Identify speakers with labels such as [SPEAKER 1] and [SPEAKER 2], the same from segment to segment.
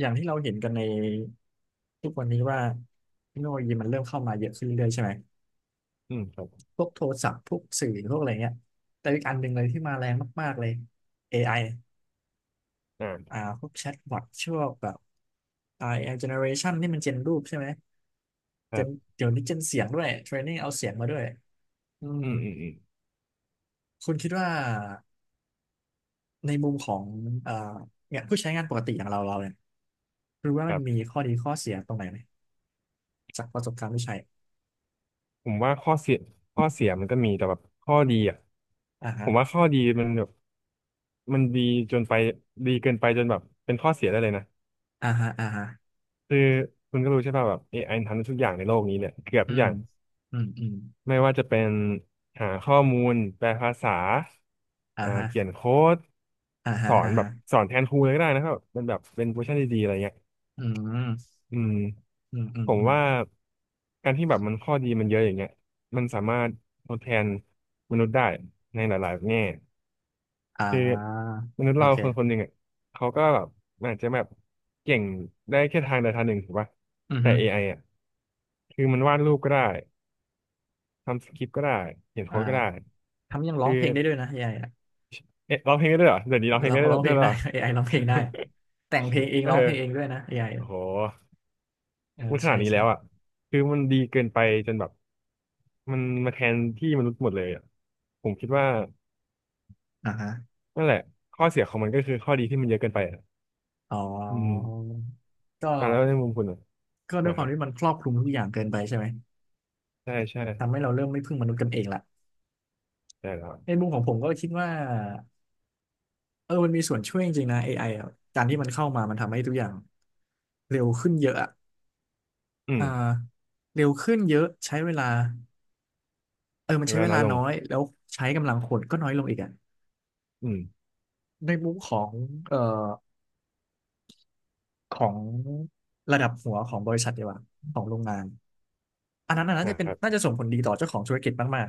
[SPEAKER 1] อย่างที่เราเห็นกันในทุกวันนี้ว่าเทคโนโลยีมันเริ่มเข้ามาเยอะขึ้นเรื่อยๆใช่ไหม
[SPEAKER 2] อืมครับ
[SPEAKER 1] พวกโทรศัพท์พวกสื่อพวกอะไรเงี้ยแต่อีกอันหนึ่งเลยที่มาแรงมากๆเลย AI อไออ่า
[SPEAKER 2] อ่า
[SPEAKER 1] พวกแชทบอทช่วงแบบ AI generation นี่มันเจนรูปใช่ไหม
[SPEAKER 2] ค
[SPEAKER 1] เจ
[SPEAKER 2] รั
[SPEAKER 1] น
[SPEAKER 2] บ
[SPEAKER 1] เดี๋ยวนี้เจนเสียงด้วยเทรนนิ่งเอาเสียงมาด้วยอืม
[SPEAKER 2] อืมอืมอืม
[SPEAKER 1] คุณคิดว่าในมุมของเอ่อเนี่ยผู้ใช้งานปกติอย่างเราเนี่ยรู้ว่า
[SPEAKER 2] ค
[SPEAKER 1] มัน
[SPEAKER 2] รั
[SPEAKER 1] มี
[SPEAKER 2] บ
[SPEAKER 1] ข้อดีข้อเสียตรงไหนไหมจากประสบการณ์ที่ใช้
[SPEAKER 2] ผมว่าข้อเสียมันก็มีแต่แบบข้อดีอ่ะ
[SPEAKER 1] อ่า
[SPEAKER 2] ผ
[SPEAKER 1] ฮะ
[SPEAKER 2] มว่าข้อดีมันแบบมันดีจนไปดีเกินไปจนแบบเป็นข้อเสียได้เลยนะ
[SPEAKER 1] อ่าฮะอ่าฮะ
[SPEAKER 2] คือคุณก็รู้ใช่ป่ะแบบ AI ทำได้ทุกอย่างในโลกนี้เนี่ยเกือบ
[SPEAKER 1] อื
[SPEAKER 2] ทุกอ
[SPEAKER 1] ม
[SPEAKER 2] ย่าง
[SPEAKER 1] อืมอืม
[SPEAKER 2] ไม่ว่าจะเป็นหาข้อมูลแปลภาษา
[SPEAKER 1] อ่าฮะ
[SPEAKER 2] เขียนโค้ด
[SPEAKER 1] อ่า
[SPEAKER 2] ส
[SPEAKER 1] ฮะ
[SPEAKER 2] อน
[SPEAKER 1] อ่า
[SPEAKER 2] แบ
[SPEAKER 1] ฮะ
[SPEAKER 2] บสอนแทนครูเลยก็ได้นะครับมันแบบเป็นเวอร์ชันดีๆอะไรเงี้ย
[SPEAKER 1] อืม
[SPEAKER 2] อืม
[SPEAKER 1] อืมอื
[SPEAKER 2] ผ
[SPEAKER 1] ม
[SPEAKER 2] ม
[SPEAKER 1] อืม
[SPEAKER 2] ว่าการที่แบบมันข้อดีมันเยอะอย่างเงี้ยมันสามารถทดแทนมนุษย์ได้ในหลายๆแง่
[SPEAKER 1] อ่า
[SPEAKER 2] คือมนุษย์
[SPEAKER 1] โอ
[SPEAKER 2] เราคนคนห
[SPEAKER 1] เค
[SPEAKER 2] นึ่งอ่ะเขาก็แบบอาจจะแบบเก่งได้แค่ทางใดทางหนึ่งถูกป่ะ
[SPEAKER 1] อือ
[SPEAKER 2] แต่
[SPEAKER 1] ฮึ
[SPEAKER 2] AI อไออ่ะคือมันวาดรูปก็ได้ทำสคริปต์ก็ได้เขียน
[SPEAKER 1] อ่า
[SPEAKER 2] โค้ดก็ได้
[SPEAKER 1] ทำยังร้อ
[SPEAKER 2] คื
[SPEAKER 1] ง
[SPEAKER 2] อ
[SPEAKER 1] เพลงได้ด้วยนะ AI อไออะ
[SPEAKER 2] เอ๊ะร้องเพลงได้ด้วยเหรอเดี๋ยวนี้ร้องเพลง
[SPEAKER 1] เรา
[SPEAKER 2] ได้ด้ว
[SPEAKER 1] ร้องเพลง
[SPEAKER 2] ยเหร
[SPEAKER 1] ได้
[SPEAKER 2] อ
[SPEAKER 1] AI ร้องเพลงได้แต่งเพลง เอง
[SPEAKER 2] เออ
[SPEAKER 1] ร้องเพลงเองด้วยนะ AI อไอ
[SPEAKER 2] โอ้
[SPEAKER 1] อะ
[SPEAKER 2] โห
[SPEAKER 1] เออ
[SPEAKER 2] มันข
[SPEAKER 1] ใช่
[SPEAKER 2] นาดนี้
[SPEAKER 1] ใช่
[SPEAKER 2] แล้วอ่ะคือมันดีเกินไปจนแบบมันมาแทนที่มนุษย์หมดเลยอ่ะผมคิดว่า
[SPEAKER 1] อ่าฮะ
[SPEAKER 2] นั่นแหละข้อเสียของมันก็คือข้อดีที่มันเยอะเกินไปอ่ะ
[SPEAKER 1] อ๋
[SPEAKER 2] อืม
[SPEAKER 1] อก็
[SPEAKER 2] อ่าแล้วในมุมคุณอ่ะ
[SPEAKER 1] ก็ด้วย
[SPEAKER 2] นะ
[SPEAKER 1] ค
[SPEAKER 2] ค
[SPEAKER 1] วาม
[SPEAKER 2] รับ
[SPEAKER 1] ที่มันครอบคลุมทุกอย่างเกินไปใช่ไหม
[SPEAKER 2] ใช่ใช่
[SPEAKER 1] ทำให้เราเริ่มไม่พึ่งมนุษย์กันเองละ
[SPEAKER 2] ใช่แล้ว
[SPEAKER 1] ในมุมของผมก็คิดว่าเออมันมีส่วนช่วยจริงๆนะ AI อไออะการที่มันเข้ามามันทำให้ทุกอย่างเร็วขึ้นเยอะอะ
[SPEAKER 2] อื
[SPEAKER 1] อ่า
[SPEAKER 2] ม
[SPEAKER 1] เร็วขึ้นเยอะใช้เวลา เออมั
[SPEAKER 2] ใน
[SPEAKER 1] น
[SPEAKER 2] เว
[SPEAKER 1] ใช้เว
[SPEAKER 2] ลาน้
[SPEAKER 1] ลา
[SPEAKER 2] อยลง
[SPEAKER 1] น้อยแล้วใช้กำลังคนก็น้อยลงอีกอ่ะ
[SPEAKER 2] อืม
[SPEAKER 1] ในมุมของเอ่อของระดับหัวของบริษัทดีกว่าของโรงงาน อันนั้นน่ะน่าจะ
[SPEAKER 2] นะ
[SPEAKER 1] เป็น
[SPEAKER 2] ครับ
[SPEAKER 1] น่าจะส่งผลดีต่อเจ้าของธุรกิจมาก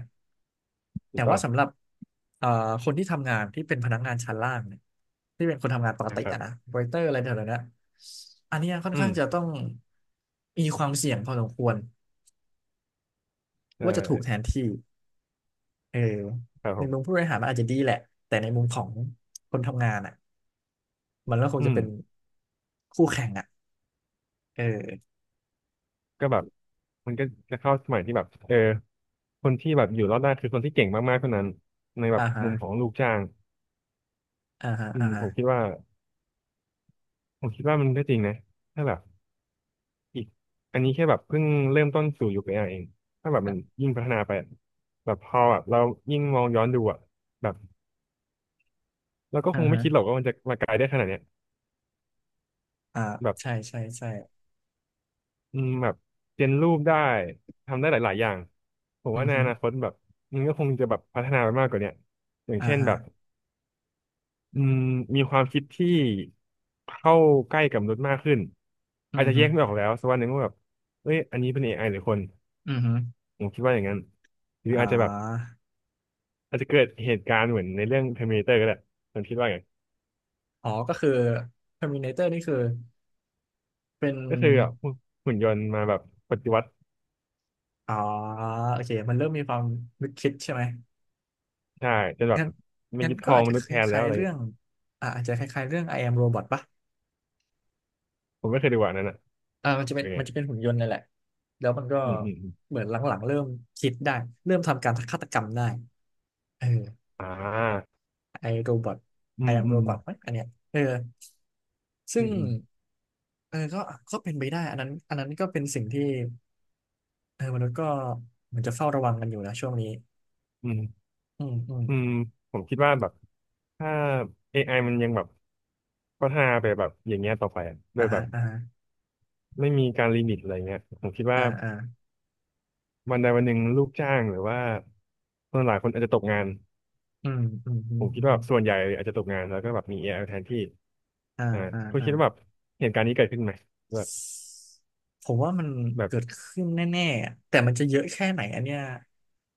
[SPEAKER 1] ๆ
[SPEAKER 2] ถู
[SPEAKER 1] แต่
[SPEAKER 2] กต้อ
[SPEAKER 1] ว่า
[SPEAKER 2] ง
[SPEAKER 1] สำหรับเอ่อคนที่ทำงานที่เป็นพนักงานชั้นล่างเนี่ยที่เป็นคนทำงานปก
[SPEAKER 2] นะ
[SPEAKER 1] ติ
[SPEAKER 2] ครั
[SPEAKER 1] อะ
[SPEAKER 2] บ
[SPEAKER 1] นะเวเตอร์อะไรแถวๆเนี้ยอันเนี้ยค่อน
[SPEAKER 2] อื
[SPEAKER 1] ข้า
[SPEAKER 2] ม
[SPEAKER 1] งจะต้อง มีความเสี่ยงพอสมควร
[SPEAKER 2] ใช่
[SPEAKER 1] ว่าจะถูกแทนที่เออ
[SPEAKER 2] ครับ
[SPEAKER 1] ใน
[SPEAKER 2] ผ
[SPEAKER 1] มุมผู้
[SPEAKER 2] ม
[SPEAKER 1] บริหารมันอาจจะดีแหละแต่ในมุมของคนทำงานอ่ะ มันก็คง
[SPEAKER 2] อื
[SPEAKER 1] จะ
[SPEAKER 2] ม
[SPEAKER 1] เป็นคู่แข่งอ่ะเออ
[SPEAKER 2] ก็แบบมันก็จะเข้าสมัยที่แบบเออคนที่แบบอยู่รอดได้คือคนที่เก่งมากๆเท่านั้นในแบ
[SPEAKER 1] อ่า
[SPEAKER 2] บ
[SPEAKER 1] ฮะ
[SPEAKER 2] มุมของลูกจ้าง
[SPEAKER 1] อ่าฮะ
[SPEAKER 2] อื
[SPEAKER 1] อ่า
[SPEAKER 2] ม
[SPEAKER 1] ฮะ
[SPEAKER 2] ผมคิดว่ามันก็จริงนะถ้าแบบอีกอันนี้แค่แบบเพิ่งเริ่มต้นสู่ยุค AI เองถ้าแบบมัน
[SPEAKER 1] อ่า
[SPEAKER 2] ยิ่งพัฒนาไปอะแบบพอแบบเรายิ่งมองย้อนดูอ่ะแบบเราก็
[SPEAKER 1] อ่า
[SPEAKER 2] คงไม่
[SPEAKER 1] ฮะ
[SPEAKER 2] คิดหรอกว่ามันจะมาไกลได้ขนาดเนี้ย
[SPEAKER 1] อ่า
[SPEAKER 2] แบบ
[SPEAKER 1] ใช่ใช่ใช่
[SPEAKER 2] อืมแบบเจนรูปได้ทำได้หลายๆอย่างผม
[SPEAKER 1] อื
[SPEAKER 2] ว่า
[SPEAKER 1] อ
[SPEAKER 2] ใน
[SPEAKER 1] ฮึ
[SPEAKER 2] อนาคตแบบมันก็คงจะแบบพัฒนาไปมากกว่าเนี้ยอย่าง
[SPEAKER 1] อ่า
[SPEAKER 2] เช่น
[SPEAKER 1] ฮะ
[SPEAKER 2] แบบอืมมีความคิดที่เข้าใกล้กับมนุษย์มากขึ้น
[SPEAKER 1] อื
[SPEAKER 2] อา
[SPEAKER 1] อ
[SPEAKER 2] จจะ
[SPEAKER 1] ฮึ
[SPEAKER 2] แยกไม่ออกแล้วสักวันหนึ่งว่าแบบเอ้ยอันนี้เป็น AI หรือคน
[SPEAKER 1] อือฮึ
[SPEAKER 2] ผมคิดว่าอย่างนั้นหรือ
[SPEAKER 1] อ่า
[SPEAKER 2] อาจจะแบบอาจจะเกิดเหตุการณ์เหมือนในเรื่อง Terminator ก็ได้ผมคิดว่าไง
[SPEAKER 1] อ๋อก็คือ Terminator นี่คือเป็น
[SPEAKER 2] ก็คือแบบหุ่นยนต์มาแบบปฏิวัติ
[SPEAKER 1] อ๋อโอเคมันเริ่มมีความนึกคิดใช่ไหม
[SPEAKER 2] ใช่จนแบบ
[SPEAKER 1] งั้น
[SPEAKER 2] มันยึดค
[SPEAKER 1] ก็
[SPEAKER 2] รอง
[SPEAKER 1] อาจ
[SPEAKER 2] ม
[SPEAKER 1] จะ
[SPEAKER 2] นุษ
[SPEAKER 1] ค
[SPEAKER 2] ย์แทนแล้
[SPEAKER 1] ล้า
[SPEAKER 2] ว
[SPEAKER 1] ย
[SPEAKER 2] อะ
[SPEAKER 1] ๆ
[SPEAKER 2] ไร
[SPEAKER 1] เรื่อ
[SPEAKER 2] เงี้
[SPEAKER 1] ง
[SPEAKER 2] ย
[SPEAKER 1] อ่าอาจจะคล้ายๆเรื่อง I am Robot ปะ
[SPEAKER 2] ผมไม่เคยดูอันนั้นอ่ะ
[SPEAKER 1] อ่ามันจะเป็
[SPEAKER 2] เป็
[SPEAKER 1] น
[SPEAKER 2] นไง
[SPEAKER 1] มันจะเป็นหุ่นยนต์นั่นแหละแล้วมันก็
[SPEAKER 2] อืมอืมอืม
[SPEAKER 1] เหมือนหลังๆเริ่มคิดได้เริ่มทำการฆาตกรรมได้เออ
[SPEAKER 2] อ่า
[SPEAKER 1] ไอโรบอท
[SPEAKER 2] อื
[SPEAKER 1] ไอ
[SPEAKER 2] ม
[SPEAKER 1] แอม
[SPEAKER 2] อื
[SPEAKER 1] โร
[SPEAKER 2] ม
[SPEAKER 1] บอทไหมอันเนี้ยเออซึ่
[SPEAKER 2] อื
[SPEAKER 1] ง
[SPEAKER 2] มอืม
[SPEAKER 1] เออก็เป็นไปได้อันนั้นก็เป็นสิ่งที่เออมนุษย์ก็เหมือนจะเฝ้าระวังกันอยู่นะช่วงนี้
[SPEAKER 2] อืม
[SPEAKER 1] อืมอืม
[SPEAKER 2] อืมผมคิดว่าแบบถ้า AI มันยังแบบพัฒนาไปแบบอย่างเงี้ยต่อไปอะโด
[SPEAKER 1] อ่า
[SPEAKER 2] ยแบ
[SPEAKER 1] ฮะ
[SPEAKER 2] บ
[SPEAKER 1] อ่าฮะ
[SPEAKER 2] ไม่มีการลิมิตอะไรเงี้ยผมคิด
[SPEAKER 1] อ่า
[SPEAKER 2] ว่า
[SPEAKER 1] อ่า
[SPEAKER 2] วันใดวันหนึ่งลูกจ้างหรือว่าคนหลายคนอาจจะตกงาน
[SPEAKER 1] อืมอืมอื
[SPEAKER 2] ผ
[SPEAKER 1] ม
[SPEAKER 2] มคิด
[SPEAKER 1] อื
[SPEAKER 2] ว่า
[SPEAKER 1] ม
[SPEAKER 2] ส่วนใหญ่อาจจะตกงานแล้วก็แบบมี AI แทนที่
[SPEAKER 1] อ่า
[SPEAKER 2] อ่า
[SPEAKER 1] อ่า
[SPEAKER 2] คุณ
[SPEAKER 1] อ่า
[SPEAKER 2] คิดว่าแบบเหตุการณ์นี้เกิดขึ้นไหมแบบ
[SPEAKER 1] ผมว่ามัน
[SPEAKER 2] แบบ
[SPEAKER 1] เกิดขึ้นแน่ๆอะแต่มันจะเยอะแค่ไหนอันเนี้ย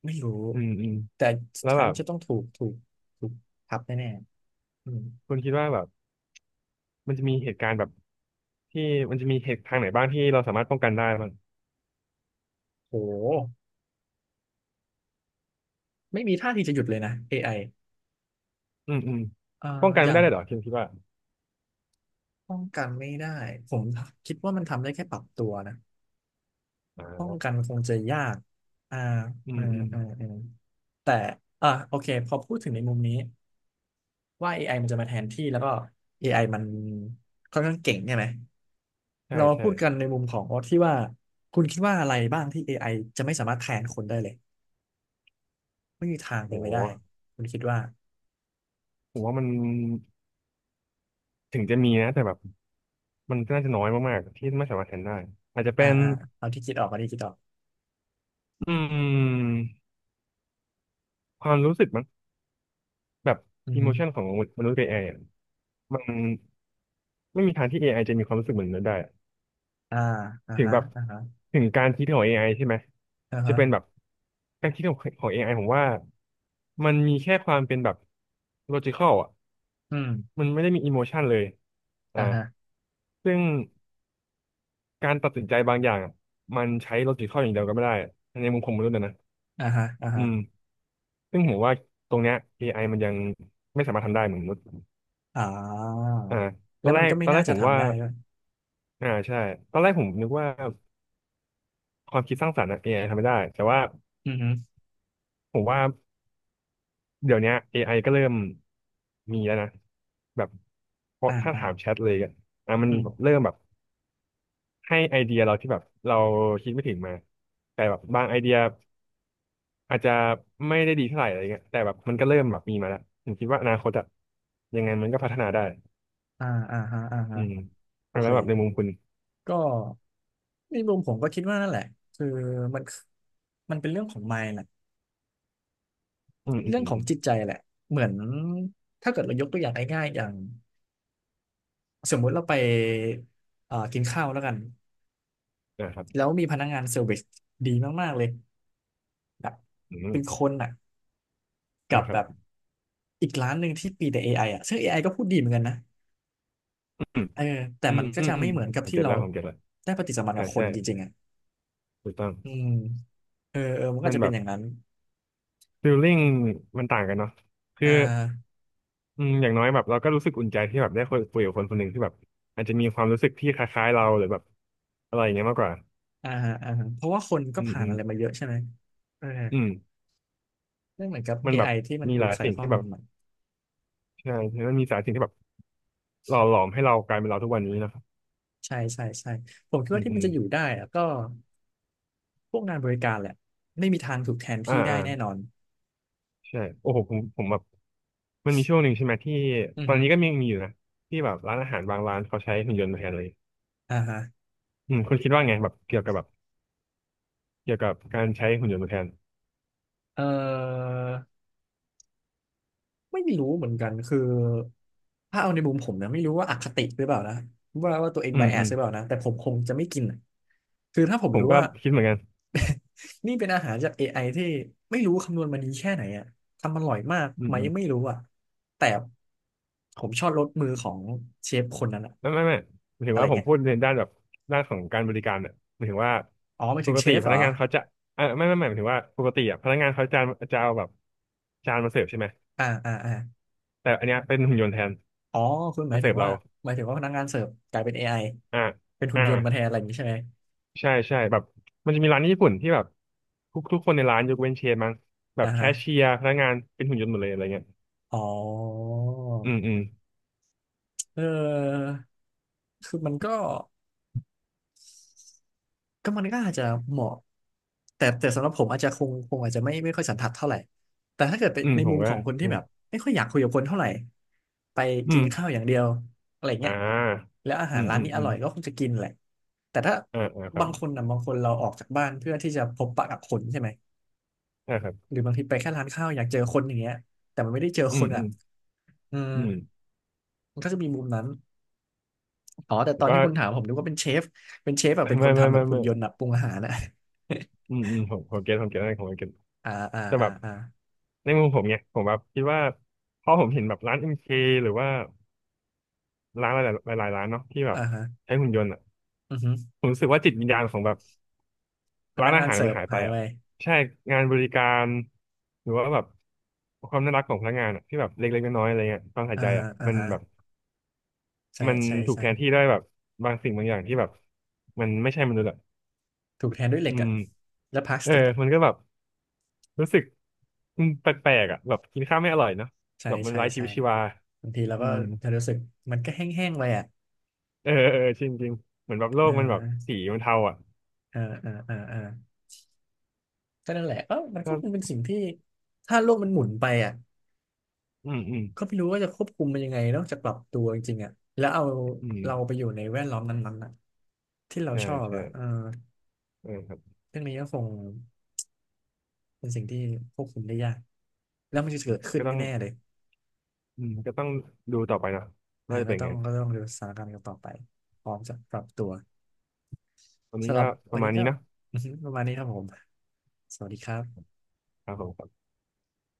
[SPEAKER 1] ไม่รู้
[SPEAKER 2] อืมอืม
[SPEAKER 1] แต่สุด
[SPEAKER 2] แล้ว
[SPEAKER 1] ท้าย
[SPEAKER 2] แบ
[SPEAKER 1] มั
[SPEAKER 2] บ
[SPEAKER 1] นจะต้องถูกทับแน่ๆอืม
[SPEAKER 2] คุณคิดว่าแบบมันจะมีเหตุการณ์แบบที่มันจะมีเหตุทางไหนบ้างที่เราสามารถป้องกันได้บ้าง
[SPEAKER 1] โหไม่มีท่าทีจะหยุดเลยนะ AI
[SPEAKER 2] อืมอืม
[SPEAKER 1] เอ่อ
[SPEAKER 2] ป้องกัน
[SPEAKER 1] อ
[SPEAKER 2] ไม่
[SPEAKER 1] ย่า
[SPEAKER 2] ได้
[SPEAKER 1] ง
[SPEAKER 2] เลยเหรอคุณคิดว่า
[SPEAKER 1] ป้องกันไม่ได้ผมคิดว่ามันทำได้แค่ปรับตัวนะ
[SPEAKER 2] อ่
[SPEAKER 1] ป้องกัน
[SPEAKER 2] า
[SPEAKER 1] คงจะยากอ่า
[SPEAKER 2] อื
[SPEAKER 1] อ่า
[SPEAKER 2] มอืม
[SPEAKER 1] อ่าอ่าแต่อ่าโอเคพอพูดถึงในมุมนี้ว่า AI มันจะมาแทนที่แล้วก็ AI มันค่อนข้างเก่งใช่ไหม
[SPEAKER 2] ใช่
[SPEAKER 1] เรามา
[SPEAKER 2] ใช่
[SPEAKER 1] พูดกันในมุมของที่ว่าคุณคิดว่าอะไรบ้างที่ AI จะไม่สามารถแทนคนได้เลยไม่มีทาง
[SPEAKER 2] โห
[SPEAKER 1] เป็นไปได้คุณคิดว่า
[SPEAKER 2] ผมว่ามันถึงจะมีนะแต่แบบมันก็น่าจะน้อยมากๆที่ไม่สามารถแทนได้อาจจะ
[SPEAKER 1] อ่า
[SPEAKER 2] เป็น
[SPEAKER 1] อ่าเอาที่คิดออก
[SPEAKER 2] อืมความรู้สึกมันแบบ
[SPEAKER 1] อือ
[SPEAKER 2] อิ
[SPEAKER 1] ฮึ
[SPEAKER 2] โมชันของมนุษย์กับ AI อไออะมัน ไม่มีทางที่ AI จะมีความรู้สึกเหมือนมนุษย์ได้อะ
[SPEAKER 1] อ่าอ่า
[SPEAKER 2] ถึง
[SPEAKER 1] ฮะ
[SPEAKER 2] แบบ
[SPEAKER 1] อ่าฮะ
[SPEAKER 2] ถึงการคิดของ AI ใช่ไหม
[SPEAKER 1] อ่า
[SPEAKER 2] จะ
[SPEAKER 1] ฮะ
[SPEAKER 2] เป็นแบบการคิดของAI ผมว่ามันมีแค่ความเป็นแบบ logical อ่ะ
[SPEAKER 1] อืม
[SPEAKER 2] มันไม่ได้มี emotion เลยอ่า
[SPEAKER 1] อ่าฮะ
[SPEAKER 2] ซึ่งการตัดสินใจบางอย่างอะมันใช้ logical อย่างเดียวก็ไม่ได้ในมุมของมนุษย์อะนะ
[SPEAKER 1] อ่าฮะอ่า
[SPEAKER 2] อื
[SPEAKER 1] ฮะ
[SPEAKER 2] มซึ่งผมว่าตรงเนี้ย AI มันยังไม่สามารถทำได้เหมือนมนุษย์
[SPEAKER 1] อ่า
[SPEAKER 2] อ่า
[SPEAKER 1] แล้วมันก็
[SPEAKER 2] ต
[SPEAKER 1] ไม่
[SPEAKER 2] อนแร
[SPEAKER 1] น่า
[SPEAKER 2] ก
[SPEAKER 1] จะ
[SPEAKER 2] ผมว่า
[SPEAKER 1] ทำได้ด้วย
[SPEAKER 2] อ่าใช่ตอนแรกผมนึกว่าความคิดสร้างสรรค์อะ a ทำไม่ได้แต่ว่า
[SPEAKER 1] อืมฮึ
[SPEAKER 2] ผมว่า เดี๋ยวเนี้ย AI ก็เริ่มมีแล้วนะแบบเพราะ
[SPEAKER 1] อ่า
[SPEAKER 2] ถ้า
[SPEAKER 1] อ่า
[SPEAKER 2] ถามแชทเลยอะอ่ะมัน
[SPEAKER 1] อืม
[SPEAKER 2] เริ่มแบบให้ไอเดียเราที่แบบเราคิดไม่ถึงมาแต่แบบบางไอเดียอาจจะไม่ได้ดีเท่าไหร่อะไรเงี้ยแต่แบบมันก็เริ่มแบบมีมาแล้วผมคิดว่าอนาคตอะยังไงมันก็พัฒนาได้
[SPEAKER 1] อ่าอ่าฮะอ่า
[SPEAKER 2] อื
[SPEAKER 1] ฮะ
[SPEAKER 2] ม
[SPEAKER 1] โอ
[SPEAKER 2] อ่ะแล้
[SPEAKER 1] เค
[SPEAKER 2] วแบบในมุมคุณ
[SPEAKER 1] ก็ในมุมผมก็คิดว่านั่นแหละ คือมันมันเป็นเรื่องของ mind แหละ
[SPEAKER 2] อืมอืม
[SPEAKER 1] เรื่องขอ
[SPEAKER 2] อื
[SPEAKER 1] งจิต
[SPEAKER 2] ม
[SPEAKER 1] ใจแหละ เหมือนถ้าเกิดเรายกตัวอย่างง่ายๆอย่างสมมุติเราไปกินข้าวแล้วกัน
[SPEAKER 2] นะครับ
[SPEAKER 1] แล้วมีพนักงานเซอร์วิสดีมากๆเลยแบบ
[SPEAKER 2] อื
[SPEAKER 1] เป็นค
[SPEAKER 2] ม
[SPEAKER 1] นอ่ะ กั
[SPEAKER 2] อ่ะ
[SPEAKER 1] บ
[SPEAKER 2] ค
[SPEAKER 1] แบ
[SPEAKER 2] รับ
[SPEAKER 1] บอีกร้านหนึ่งที่ปีแต่เอไออ่ะซึ่งเอไอก็พูดดีเหมือนกันนะ
[SPEAKER 2] อืม
[SPEAKER 1] เออแต่
[SPEAKER 2] อื
[SPEAKER 1] มั
[SPEAKER 2] ม
[SPEAKER 1] นก็
[SPEAKER 2] อืม
[SPEAKER 1] จะ
[SPEAKER 2] อื
[SPEAKER 1] ไม่
[SPEAKER 2] ม
[SPEAKER 1] เหมือนกับ
[SPEAKER 2] ผม
[SPEAKER 1] ที่
[SPEAKER 2] เก็ต
[SPEAKER 1] เรา
[SPEAKER 2] แล้ว
[SPEAKER 1] ได้ปฏิสัมพันธ์
[SPEAKER 2] อ่า
[SPEAKER 1] กับคน
[SPEAKER 2] ใช่
[SPEAKER 1] จริงๆอ่ะ
[SPEAKER 2] ถูกต้อง
[SPEAKER 1] อืมเออมันก็
[SPEAKER 2] มั
[SPEAKER 1] อา
[SPEAKER 2] น
[SPEAKER 1] จจะ
[SPEAKER 2] แบ
[SPEAKER 1] เป็น
[SPEAKER 2] บ
[SPEAKER 1] อย่างนั้น
[SPEAKER 2] ฟิลลิ่งมันต่างกันเนาะคื
[SPEAKER 1] อ่
[SPEAKER 2] อ
[SPEAKER 1] า
[SPEAKER 2] อืมอย่างน้อยแบบเราก็รู้สึกอุ่นใจที่แบบได้คุยกับคนคนหนึ่งที่แบบอาจจะมีความรู้สึกที่คล้ายๆเราหรือแบบอะไรอย่างเงี้ยมากกว่า
[SPEAKER 1] อ่าฮะอ่าฮะเพราะว่าคนก็
[SPEAKER 2] อืม
[SPEAKER 1] ผ่าน
[SPEAKER 2] อื
[SPEAKER 1] อะ
[SPEAKER 2] ม
[SPEAKER 1] ไรมาเยอะใช่ไหมเออ
[SPEAKER 2] อืม
[SPEAKER 1] ไม่เหมือนกับ
[SPEAKER 2] มันแบ
[SPEAKER 1] AI
[SPEAKER 2] บ
[SPEAKER 1] ที่มัน
[SPEAKER 2] มี
[SPEAKER 1] ดู
[SPEAKER 2] หลาย
[SPEAKER 1] ใส่
[SPEAKER 2] สิ่ง
[SPEAKER 1] ข้อ
[SPEAKER 2] ที่แบ
[SPEAKER 1] มูล
[SPEAKER 2] บ
[SPEAKER 1] ใหม่
[SPEAKER 2] ใช่มันมีหลายสิ่งที่แบบหล่อหลอมให้เรากลายเป็นเราทุกวันนี้นะครับ
[SPEAKER 1] ใช่ใช่ใช่ผมคิด
[SPEAKER 2] อื
[SPEAKER 1] ว่า
[SPEAKER 2] ม
[SPEAKER 1] ที่
[SPEAKER 2] อื
[SPEAKER 1] มัน
[SPEAKER 2] ม
[SPEAKER 1] จะอยู่ได้อะก็พวกงานบริการแหละไม่มีทางถูกแทน
[SPEAKER 2] อ่า
[SPEAKER 1] ที่ได้
[SPEAKER 2] อ่า
[SPEAKER 1] แน่นอน
[SPEAKER 2] ใช่โอ้โหผมแบบมันมีช่วงหนึ่งใช่ไหมที่
[SPEAKER 1] อือ
[SPEAKER 2] ตอน
[SPEAKER 1] ฮึ
[SPEAKER 2] นี้ก็มีอยู่นะที่แบบร้านอาหารบางร้านเขาใช้หุ่นยนต์มาแทนเลย
[SPEAKER 1] อ่าฮะ
[SPEAKER 2] อืมคุณคิดว่าไงแบบเกี่ยวกับแบบเกี่ยวกับการใช้หุ่นยนต์มาแทน
[SPEAKER 1] เออ ไม่รู้เหมือนกันคือถ้าเอาในมุมผมนะไม่รู้ว่าอคติหรือเปล่านะว่าตัวเอง
[SPEAKER 2] อื
[SPEAKER 1] ไบ
[SPEAKER 2] ม
[SPEAKER 1] แอ
[SPEAKER 2] อื
[SPEAKER 1] ส
[SPEAKER 2] ม
[SPEAKER 1] หรือเปล่านะแต่ผมคงจะไม่กินอะคือถ้าผม
[SPEAKER 2] ผม
[SPEAKER 1] รู้
[SPEAKER 2] ก็
[SPEAKER 1] ว่า
[SPEAKER 2] คิดเหมือนกัน
[SPEAKER 1] นี่เป็นอาหารจาก AI ที่ไม่รู้คำนวณมาดีแค่ไหนอะทำอร่อยมาก
[SPEAKER 2] อื
[SPEAKER 1] ไหมไม่
[SPEAKER 2] ม
[SPEAKER 1] รู้อะแต่ผมชอบรสมือของเชฟคนนั้นอะ
[SPEAKER 2] ไม่ไม่ไม่หมายถึ
[SPEAKER 1] อะ
[SPEAKER 2] ง
[SPEAKER 1] ไร
[SPEAKER 2] ว่าผม
[SPEAKER 1] เงี้ย
[SPEAKER 2] พูดในด้านแบบด้านของการบริการเนี่ยหมายถึงว่า
[SPEAKER 1] อ๋อหมาย
[SPEAKER 2] ป
[SPEAKER 1] ถึง
[SPEAKER 2] ก
[SPEAKER 1] เช
[SPEAKER 2] ติ
[SPEAKER 1] ฟ
[SPEAKER 2] พ
[SPEAKER 1] เหร
[SPEAKER 2] นั
[SPEAKER 1] อ
[SPEAKER 2] กงานเขาจะเออไม่ไม่ไม่หมายถึงว่าปกติอ่ะพนักงานเขาจะจะเอาแบบจานมาเสิร์ฟใช่ไหม
[SPEAKER 1] อ่าอ่าอ่า
[SPEAKER 2] แต่อันเนี้ยเป็นหุ่นยนต์แทน
[SPEAKER 1] อ๋อคุณหมา
[SPEAKER 2] มา
[SPEAKER 1] ย
[SPEAKER 2] เสิ
[SPEAKER 1] ถึ
[SPEAKER 2] ร์
[SPEAKER 1] ง
[SPEAKER 2] ฟ
[SPEAKER 1] ว่า
[SPEAKER 2] เรา
[SPEAKER 1] หมายถึงว่าพนักงานเสิร์ฟกลายเป็นเอไอ
[SPEAKER 2] อ่า
[SPEAKER 1] เป็นหุ่น
[SPEAKER 2] อ่า
[SPEAKER 1] ยนต์มาแทนอะไรอย่างนี้ใช่ไหม
[SPEAKER 2] ใช่ใช่แบบมันจะมีร้านญี่ปุ่นที่แบบทุกคนในร้านยกเว้นเชฟมั้งแบ
[SPEAKER 1] อ่า
[SPEAKER 2] บแค
[SPEAKER 1] ฮะ
[SPEAKER 2] ชเชียร์พนักงานเป็นหุ่นยนต์หมดเลยอะไรเงี้ย
[SPEAKER 1] อ๋อ
[SPEAKER 2] อืมอืม
[SPEAKER 1] เออคือมันก็มันก็อาจจะเหมาะแต่สำหรับผมอาจจะคงอาจจะไม่ค่อยสันทัดเท่าไหร่แต่ถ้าเกิดไป
[SPEAKER 2] อืม
[SPEAKER 1] ใน
[SPEAKER 2] ผม
[SPEAKER 1] มุม
[SPEAKER 2] ก็
[SPEAKER 1] ของคนที่
[SPEAKER 2] อืม
[SPEAKER 1] แบบไม่ค่อยอยากคุยกับคนเท่าไหร่ไป
[SPEAKER 2] อื
[SPEAKER 1] กินข้าว
[SPEAKER 2] ม
[SPEAKER 1] อย่างเดียวอะไร
[SPEAKER 2] อ่
[SPEAKER 1] เงี้ย
[SPEAKER 2] า
[SPEAKER 1] แล้วอาหา
[SPEAKER 2] อื
[SPEAKER 1] ร
[SPEAKER 2] ม
[SPEAKER 1] ร้าน
[SPEAKER 2] อืม
[SPEAKER 1] นี้อ
[SPEAKER 2] อืม
[SPEAKER 1] ร่อยก็คงจะกินแหละแต่ถ้า
[SPEAKER 2] อ่าอ่าครั
[SPEAKER 1] บา
[SPEAKER 2] บ
[SPEAKER 1] งคนนะบางคนเราออกจากบ้านเพื่อที่จะพบปะกับคนใช่ไหม
[SPEAKER 2] ใช่ครับ
[SPEAKER 1] หรือบางทีไปแค่ร้านข้าวอยากเจอคนอย่างเงี้ยแต่มันไม่ได้เจอ
[SPEAKER 2] อื
[SPEAKER 1] ค
[SPEAKER 2] ม
[SPEAKER 1] น
[SPEAKER 2] อื
[SPEAKER 1] อ่ะ
[SPEAKER 2] ม
[SPEAKER 1] อืม
[SPEAKER 2] อืม
[SPEAKER 1] มันก็จะมีมุมนั้น อ๋อ แต่
[SPEAKER 2] ผ
[SPEAKER 1] ต
[SPEAKER 2] ม
[SPEAKER 1] อน
[SPEAKER 2] ก็
[SPEAKER 1] ที่คุณถามผมนึกว่าเป็นเชฟ เป็นเชฟแบบเป็ นค
[SPEAKER 2] ไม่
[SPEAKER 1] น
[SPEAKER 2] ไม่
[SPEAKER 1] ทำแบบ
[SPEAKER 2] ไม่
[SPEAKER 1] หุ่น
[SPEAKER 2] ไม่
[SPEAKER 1] ยนต์แบบปรุงอาหารอะ
[SPEAKER 2] อื มอืมผมเก็ตผมเก็ตอะไรผมเก็ต
[SPEAKER 1] อ่าอ่า
[SPEAKER 2] แต่
[SPEAKER 1] อ่า
[SPEAKER 2] แบบ
[SPEAKER 1] อ่า
[SPEAKER 2] ในมุมผมเนี่ยผมแบบคิดว่าพอผมเห็นแบบร้านเอ็มเคหรือว่าร้านหลายๆร้านเนาะที่แบบ
[SPEAKER 1] อ่าฮะ
[SPEAKER 2] ใช้หุ่นยนต์อ่ะ
[SPEAKER 1] อือฮึ
[SPEAKER 2] ผมรู้สึกว่าจิตวิญญาณของแบบ
[SPEAKER 1] พ
[SPEAKER 2] ร้า
[SPEAKER 1] นั
[SPEAKER 2] น
[SPEAKER 1] ก
[SPEAKER 2] อา
[SPEAKER 1] งาน
[SPEAKER 2] หาร
[SPEAKER 1] เสิ
[SPEAKER 2] มั
[SPEAKER 1] ร์
[SPEAKER 2] น
[SPEAKER 1] ฟ
[SPEAKER 2] หายไป
[SPEAKER 1] หาย
[SPEAKER 2] อ่ะ
[SPEAKER 1] ไป
[SPEAKER 2] ใช่งานบริการหรือว่าแบบความน่ารักของพนักงานอ่ะที่แบบเล็กๆน้อยๆอะไรเงี้ยความใส่
[SPEAKER 1] อ่า
[SPEAKER 2] ใจ
[SPEAKER 1] ฮะ
[SPEAKER 2] อ่ะ
[SPEAKER 1] อ่า
[SPEAKER 2] มัน
[SPEAKER 1] ฮะ
[SPEAKER 2] แบบ
[SPEAKER 1] ใช่
[SPEAKER 2] มัน
[SPEAKER 1] ใช่
[SPEAKER 2] ถูก
[SPEAKER 1] ใช่
[SPEAKER 2] แทนที่ด้วยแบบบางสิ่งบางอย่างที่แบบมันไม่ใช่มนุษย์อ่ะ
[SPEAKER 1] ถูกแทนด้วยเหล็
[SPEAKER 2] อื
[SPEAKER 1] กอะ
[SPEAKER 2] ม
[SPEAKER 1] และพลาส
[SPEAKER 2] เออ
[SPEAKER 1] ติกอะ
[SPEAKER 2] มันก็แบบรู้สึกอืมแปลกๆอ่ะแบบกินข้าวไม่อร่อยเนาะ
[SPEAKER 1] ใช่
[SPEAKER 2] แบบมัน
[SPEAKER 1] ใช่
[SPEAKER 2] ไร้ชี
[SPEAKER 1] ใช่
[SPEAKER 2] วิตชีวา
[SPEAKER 1] บางทีเรา
[SPEAKER 2] อื
[SPEAKER 1] ก็
[SPEAKER 2] ม
[SPEAKER 1] จะรู้สึกมันก็แห้งๆไปอะ
[SPEAKER 2] เออเออจริงจริงเหมือนแบบโล
[SPEAKER 1] อ่
[SPEAKER 2] กมันแบบ
[SPEAKER 1] า
[SPEAKER 2] สีมันเทาอ่ะ
[SPEAKER 1] อ่าอ่าอ่าอ่าก็นั่นแหละเออมันก็
[SPEAKER 2] ก็
[SPEAKER 1] คงเป็นสิ่งที่ถ้าโลกมันหมุนไปอะ
[SPEAKER 2] อืม อืม
[SPEAKER 1] ก็ไม่รู้ว่าจะควบคุมมันยังไงนอกจากปรับตัวจริงๆอ่ะแล้วเอา
[SPEAKER 2] อืม
[SPEAKER 1] เราไปอยู่ในแวดล้อมนั้นๆอ่ะที่เรา
[SPEAKER 2] ใช่
[SPEAKER 1] ชอบ
[SPEAKER 2] ใช่
[SPEAKER 1] อ่ะเออ
[SPEAKER 2] เออครับ
[SPEAKER 1] เรื่องนี้ก็คงเป็นสิ่งที่ควบคุมได้ยากแล้วมันจะเกิดขึ้น
[SPEAKER 2] ก็ต้อง
[SPEAKER 1] แน่ๆเลย
[SPEAKER 2] อืม ก็ต้องดูต่อไปเนอะ
[SPEAKER 1] อ่า
[SPEAKER 2] ว่าจะ
[SPEAKER 1] ก็
[SPEAKER 2] เป็น
[SPEAKER 1] ต้อ
[SPEAKER 2] ไง
[SPEAKER 1] งก็ต้องดูสถานการณ์กันต่อไปพร้อมจะปรับตัว
[SPEAKER 2] วันนี้
[SPEAKER 1] สำหรั
[SPEAKER 2] ก็
[SPEAKER 1] บ
[SPEAKER 2] ป
[SPEAKER 1] วัน
[SPEAKER 2] ระมา
[SPEAKER 1] นี้
[SPEAKER 2] ณ
[SPEAKER 1] ก็
[SPEAKER 2] นี้นะ
[SPEAKER 1] ประมาณนี้ครับผมสวัสดีครับ
[SPEAKER 2] ครับผม